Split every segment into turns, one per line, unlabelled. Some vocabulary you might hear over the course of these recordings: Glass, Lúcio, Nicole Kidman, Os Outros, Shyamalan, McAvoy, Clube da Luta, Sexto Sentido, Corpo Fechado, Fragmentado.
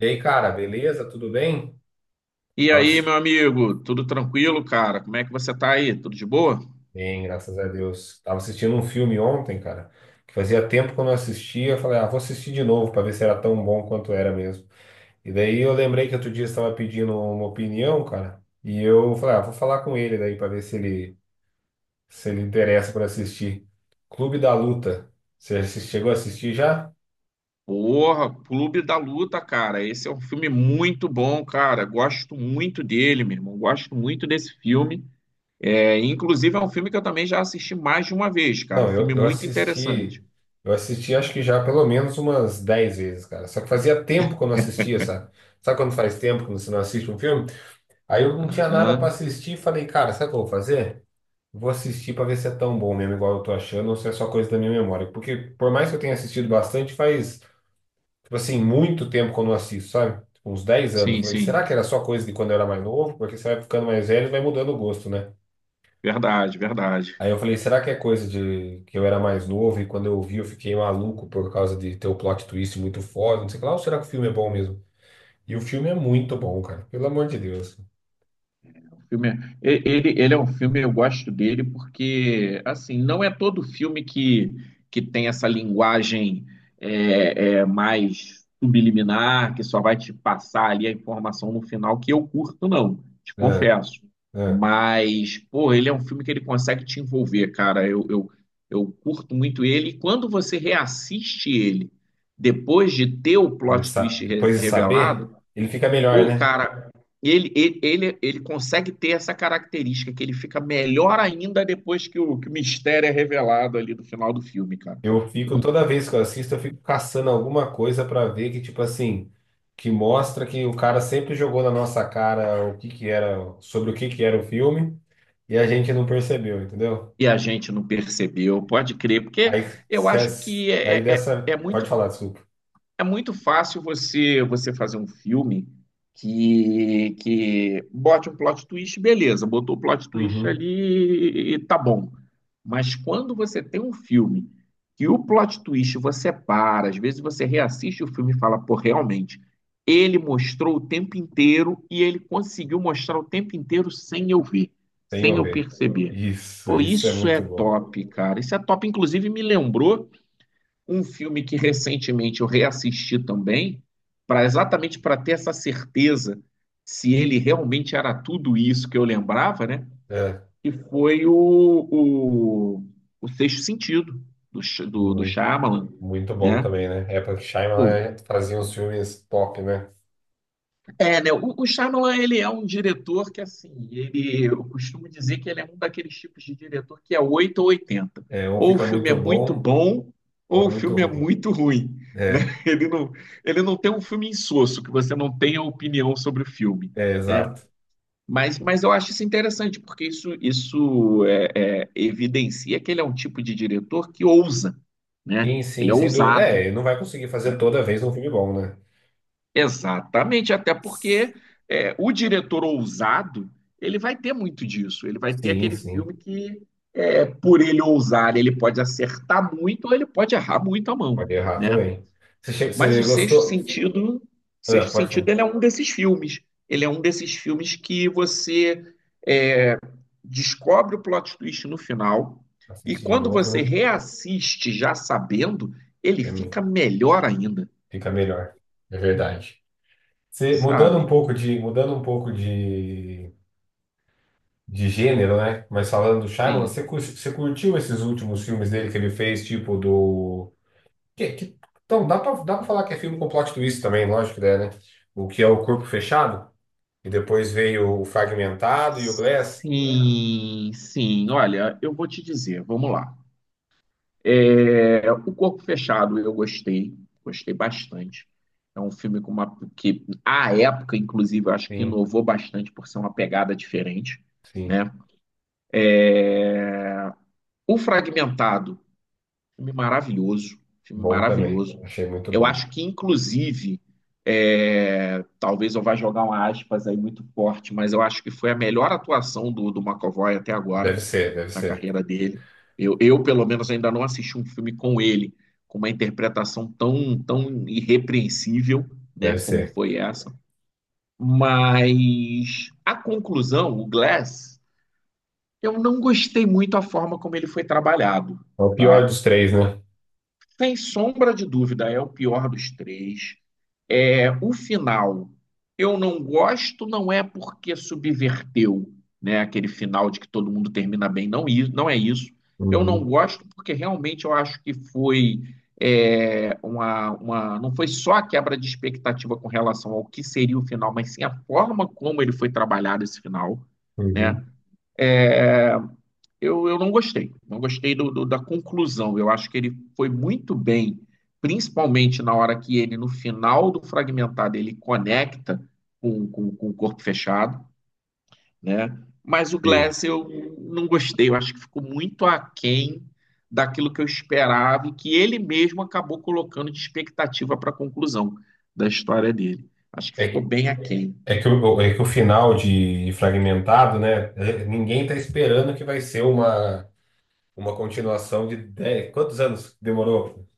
E aí, cara, beleza? Tudo bem?
E
Tava
aí,
assi-
meu amigo, tudo tranquilo, cara? Como é que você tá aí? Tudo de boa?
Bem, graças a Deus. Tava assistindo um filme ontem, cara, que fazia tempo que eu não assistia. Eu falei, ah, vou assistir de novo pra ver se era tão bom quanto era mesmo. E daí eu lembrei que outro dia você estava pedindo uma opinião, cara, e eu falei, ah, vou falar com ele daí pra ver se ele interessa por assistir. Clube da Luta. Chegou a assistir já?
Porra, Clube da Luta, cara. Esse é um filme muito bom, cara. Gosto muito dele, meu irmão. Gosto muito desse filme. É, inclusive, é um filme que eu também já assisti mais de uma vez, cara.
Não,
Filme
eu, eu
muito
assisti,
interessante.
eu assisti acho que já pelo menos umas 10 vezes, cara. Só que fazia tempo que eu não assistia, sabe? Sabe quando faz tempo que você não assiste um filme? Aí eu não tinha nada pra
Aham.
assistir e falei, cara, sabe o que eu vou fazer? Vou assistir pra ver se é tão bom mesmo, igual eu tô achando, ou se é só coisa da minha memória. Porque por mais que eu tenha assistido bastante, faz, tipo assim, muito tempo que eu não assisto, sabe? Tipo, uns 10 anos. Eu
Sim,
falei, será
sim.
que era só coisa de quando eu era mais novo? Porque você vai ficando mais velho e vai mudando o gosto, né?
Verdade, verdade.
Aí eu falei, será que é coisa de que eu era mais novo e quando eu vi eu fiquei maluco por causa de ter o plot twist muito forte, não sei o que lá, ou será que o filme é bom mesmo? E o filme é muito bom, cara, pelo amor de Deus.
filme, ele é um filme, eu gosto dele porque, assim, não é todo filme que tem essa linguagem mais subliminar, que só vai te passar ali a informação no final, que eu curto, não, te
É,
confesso.
é.
Mas, pô, ele é um filme que ele consegue te envolver, cara. Eu curto muito ele. E quando você reassiste ele, depois de ter o plot twist
Depois de saber,
revelado.
ele fica melhor,
Pô,
né?
cara, ele consegue ter essa característica, que ele fica melhor ainda depois que o mistério é revelado ali no final do filme, cara.
Eu fico, toda vez que eu assisto, eu fico caçando alguma coisa pra ver que, tipo assim, que mostra que o cara sempre jogou na nossa cara o que que era, sobre o que que era o filme e a gente não percebeu, entendeu?
E a gente não percebeu, pode crer, porque
Aí,
eu
se
acho
as-
que é,
aí
é, é é
dessa.
muito
Pode falar, desculpa.
É muito fácil você fazer um filme que bote um plot twist, beleza, botou o plot twist
Uhum.
ali e tá bom. Mas quando você tem um filme que o plot twist você para, às vezes você reassiste o filme e fala, pô, realmente, ele mostrou o tempo inteiro e ele conseguiu mostrar o tempo inteiro sem eu ver,
Sem
sem eu
ouvir.
perceber.
Isso,
Pô,
isso é
isso é
muito bom.
top, cara. Isso é top. Inclusive, me lembrou um filme que recentemente eu reassisti também, para exatamente para ter essa certeza se ele realmente era tudo isso que eu lembrava, né?
É,
Que foi o, o Sexto Sentido do
muito,
Shyamalan,
muito bom
né?
também, né? Época que
Pô,
Shyamalan né, fazia uns filmes top, né?
é, né? O Shyamalan, ele é um diretor que, assim, eu costumo dizer que ele é um daqueles tipos de diretor que é 8 ou 80.
É, ou
Ou o
fica
filme é
muito
muito
bom,
bom,
ou é
ou o
muito
filme é
ruim.
muito ruim, né?
É,
Ele não, ele não tem um filme insosso, que você não tenha opinião sobre o filme,
é,
né?
exato.
Mas eu acho isso interessante, porque isso evidencia que ele é um tipo de diretor que ousa, né?
Sim,
Ele
sim,
é
sem dúvida. É,
ousado.
ele não vai conseguir fazer
Né?
toda vez um filme bom, né?
Exatamente, até porque o diretor ousado, ele vai ter muito disso. Ele vai ter
Sim,
aquele filme
sim.
que, por ele ousar, ele pode acertar muito ou ele pode errar muito a mão,
Pode errar
né?
também. Você, che-
Mas
você
o Sexto
gostou?
Sentido,
Ah,
Sexto
pode
Sentido,
falar.
ele é um desses filmes. Ele é um desses filmes que você é, descobre o plot twist no final e
Assiste de
quando
novo,
você
né?
reassiste já sabendo, ele
É,
fica melhor ainda,
fica melhor. É verdade. Você,
sabe?
mudando um pouco de gênero, né? Mas falando do Shyamalan, você,
Sim.
cur- você curtiu esses últimos filmes dele que ele fez, tipo do. Que, que... Então, dá pra falar que é filme com plot twist também, lógico que é, né? O que é o Corpo Fechado, e depois veio o Fragmentado e o Glass.
Sim, sim. Olha, eu vou te dizer, vamos lá. É, o Corpo Fechado eu gostei, gostei bastante. É um filme com que, à época, inclusive, eu acho que
Sim,
inovou bastante por ser uma pegada diferente,
sim.
né? O Fragmentado. Filme maravilhoso, filme
Bom também.
maravilhoso.
Achei muito
Eu
bom.
acho que, inclusive, talvez eu vá jogar uma aspas aí muito forte, mas eu acho que foi a melhor atuação do McAvoy até agora,
Deve ser, deve
na
ser,
carreira dele. Eu, pelo menos, ainda não assisti um filme com ele, com uma interpretação tão, tão irrepreensível, né,
deve
como
ser.
foi essa. Mas a conclusão, o Glass, eu não gostei muito a forma como ele foi trabalhado,
É o pior
tá?
dos três, né?
Sem sombra de dúvida, é o pior dos três. É, o final, eu não gosto, não é porque subverteu, né, aquele final de que todo mundo termina bem, não, não é isso. Eu não
Uhum,
gosto porque realmente eu acho que foi é, uma, não foi só a quebra de expectativa com relação ao que seria o final, mas sim a forma como ele foi trabalhado esse final,
uhum.
né? É, eu não gostei. Não gostei da conclusão. Eu acho que ele foi muito bem, principalmente na hora que ele, no final do fragmentado, ele conecta com o corpo fechado, né? Mas o
Sim.
Glass eu não gostei. Eu acho que ficou muito aquém daquilo que eu esperava e que ele mesmo acabou colocando de expectativa para a conclusão da história dele. Acho que
É,
ficou bem aquém.
é que o final de Fragmentado, né? Ninguém tá esperando que vai ser uma continuação de 10, quantos anos demorou?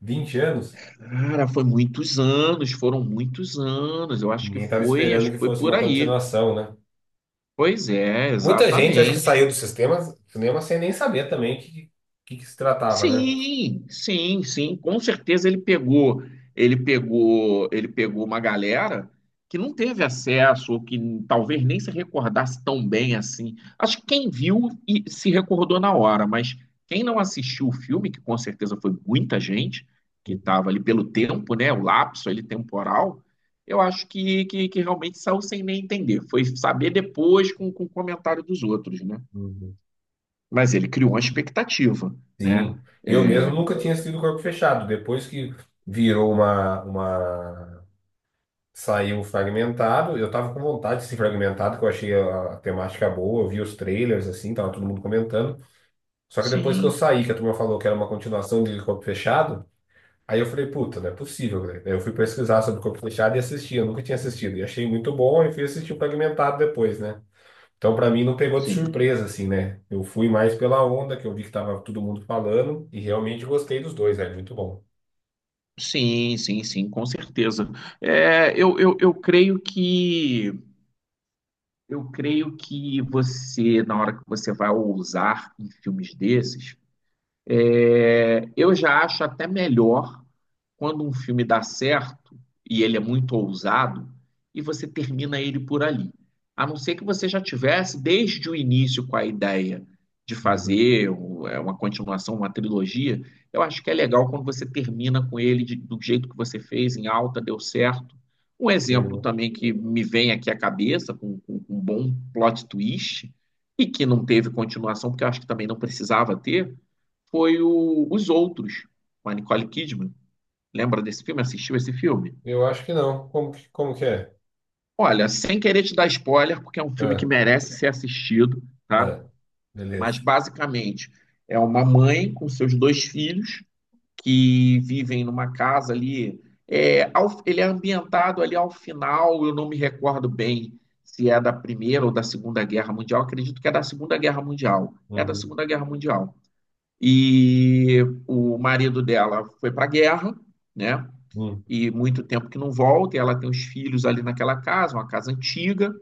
20 anos?
Cara, foi muitos anos, foram muitos anos. Eu
Ninguém estava esperando
acho
que
que foi
fosse
por
uma
aí.
continuação, né?
Pois é,
Muita gente acho que saiu
exatamente.
do cinema sem nem saber também que que se tratava, né?
Sim, sim, sim, com certeza ele pegou, ele pegou uma galera que não teve acesso ou que talvez nem se recordasse tão bem assim. Acho que quem viu e se recordou na hora, mas quem não assistiu o filme, que com certeza foi muita gente que estava ali pelo tempo, né, o lapso ali temporal, eu acho que realmente saiu sem nem entender. Foi saber depois com o comentário dos outros, né?
Uhum.
Mas ele criou uma expectativa, né?
Sim, eu
É,
mesmo nunca tinha assistido Corpo Fechado. Depois que virou uma. Saiu fragmentado, eu tava com vontade de ser fragmentado, que eu achei a temática boa, eu vi os trailers assim, tava todo mundo comentando. Só que depois que eu
sim,
saí, que a turma falou que era uma continuação de Corpo Fechado. Aí eu falei, puta, não é possível, né? Daí eu fui pesquisar sobre Corpo Fechado e assisti, eu nunca tinha assistido. E achei muito bom e fui assistir o Fragmentado depois, né? Então, pra mim, não pegou de
sim,
surpresa, assim, né? Eu fui mais pela onda, que eu vi que tava todo mundo falando, e realmente gostei dos dois, é muito bom.
sim, sim, sim, com certeza. É, eu creio que você, na hora que você vai ousar em filmes desses, eu já acho até melhor quando um filme dá certo e ele é muito ousado e você termina ele por ali. A não ser que você já tivesse desde o início com a ideia de
Uhum.
fazer uma continuação, uma trilogia, eu acho que é legal quando você termina com ele do jeito que você fez, em alta, deu certo. Um exemplo
Terminou.
também que me vem aqui à cabeça, com, com um bom plot twist, e que não teve continuação, porque eu acho que também não precisava ter, foi Os Outros, com a Nicole Kidman. Lembra desse filme? Assistiu esse filme?
Eu acho que não. Como que é?
Olha, sem querer te dar spoiler, porque é um filme que
Ah,
merece ser assistido, tá?
ah,
Mas
beleza.
basicamente é uma mãe com seus dois filhos que vivem numa casa ali. É, ele é ambientado ali ao final, eu não me recordo bem se é da Primeira ou da Segunda Guerra Mundial, acredito que é da Segunda Guerra Mundial. É da
Uhum,
Segunda Guerra Mundial. E o marido dela foi para a guerra, né?
uhum,
E muito tempo que não volta, e ela tem os filhos ali naquela casa, uma casa antiga,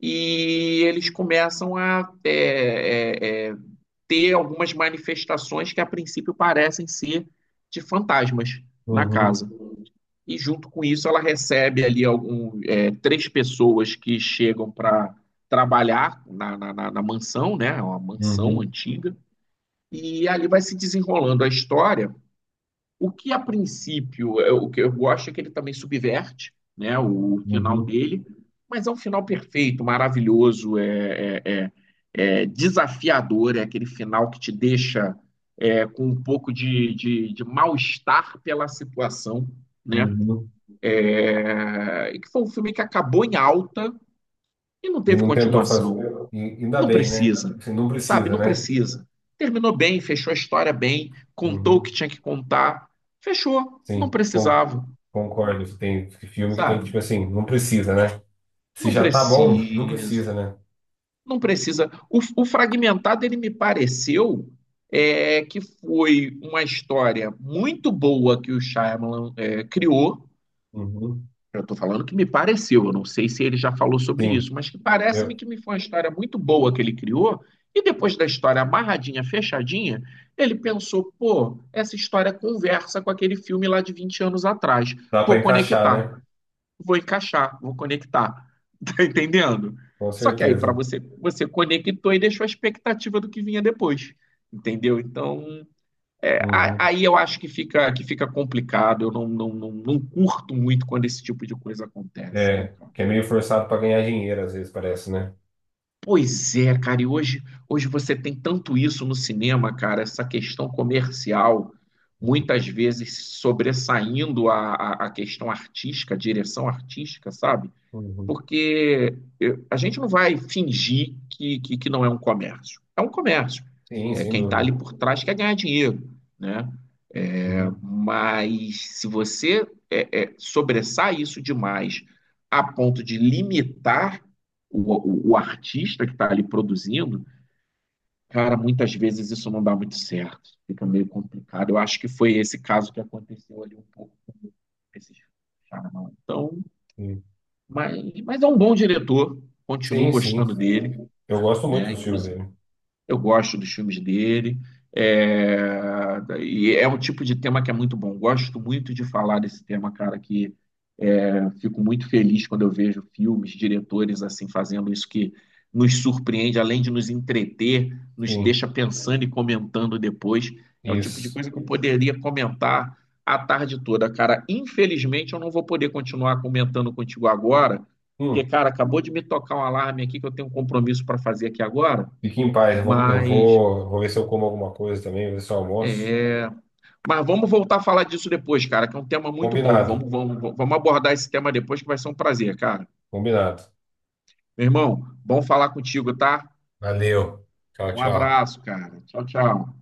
e eles começam a ter algumas manifestações que a princípio parecem ser de fantasmas na
uhum,
casa. E junto com isso, ela recebe ali três pessoas que chegam para trabalhar na mansão, né? É uma mansão
uhum,
antiga. E ali vai se desenrolando a história o que a princípio, o que eu gosto é que ele também subverte, né, o final
uhum,
dele, mas é um final perfeito, maravilhoso, é desafiador, é aquele final que te deixa com um pouco de mal-estar pela situação, né?
uhum.
É, e que foi um filme que acabou em alta e não
E
teve
não tentou fazer.
continuação.
E- Ainda
Não
bem, né?
precisa,
Você não
sabe?
precisa,
Não
né?
precisa. Terminou bem, fechou a história bem, contou o que
Uhum.
tinha que contar, fechou. Não
Sim, con-
precisava,
concordo. Tem filme que tem que,
sabe?
tipo assim, não precisa, né? Se
Não
já tá bom, não
precisa.
precisa, né?
Não precisa. O fragmentado, ele me pareceu que foi uma história muito boa que o Shyamalan criou.
Uhum.
Eu estou falando que me pareceu, eu não sei se ele já falou sobre
Sim,
isso, mas que parece-me
eu,
que me foi uma história muito boa que ele criou. E depois da história amarradinha, fechadinha, ele pensou: pô, essa história conversa com aquele filme lá de 20 anos atrás.
dá pra
Vou
encaixar, né?
conectar, vou encaixar, vou conectar. Tá entendendo?
Com
Só que aí,
certeza.
para você, você conectou e deixou a expectativa do que vinha depois. Entendeu? Então, é,
Uhum.
aí eu acho que que fica complicado, eu não curto muito quando esse tipo de coisa acontece, né,
É,
cara?
que é meio forçado pra ganhar dinheiro, às vezes, parece, né?
Pois é, cara, e hoje, hoje você tem tanto isso no cinema, cara, essa questão comercial, muitas vezes sobressaindo a questão artística, a direção artística, sabe?
Uhum.
Porque a gente não vai fingir que, que não é um comércio. É um comércio.
Sim,
É,
sem
quem está ali
dúvida.
por trás quer ganhar dinheiro, né?
Uhum.
Mas se você sobressai isso demais a ponto de limitar o artista que está ali produzindo, cara, muitas vezes isso não dá muito certo. Fica meio complicado. Eu acho que foi esse caso que aconteceu ali um pouco com esse charlatão. Então,
Sim.
mas, mas é um bom diretor. Continuo
Sim, sim.
gostando dele,
Eu gosto muito
né?
dos filmes
Inclusive
dele.
eu gosto dos filmes dele. É, e é um tipo de tema que é muito bom. Gosto muito de falar desse tema, cara, que fico muito feliz quando eu vejo filmes, diretores assim fazendo isso que nos surpreende, além de nos entreter, nos
Sim,
deixa pensando e comentando depois. É o tipo de
isso.
coisa que eu poderia comentar a tarde toda, cara. Infelizmente, eu não vou poder continuar comentando contigo agora, porque,
Hum,
cara, acabou de me tocar um alarme aqui que eu tenho um compromisso para fazer aqui agora.
fique em paz. Eu vou, eu
Mas,
vou, vou ver se eu como alguma coisa também, vou ver se eu almoço.
é, mas vamos voltar a falar disso depois, cara, que é um tema muito bom.
Combinado,
Vamos abordar esse tema depois, que vai ser um prazer, cara.
combinado.
Meu irmão, bom falar contigo, tá?
Valeu. Tchau,
Um
tchau.
abraço, cara. Tchau, tchau.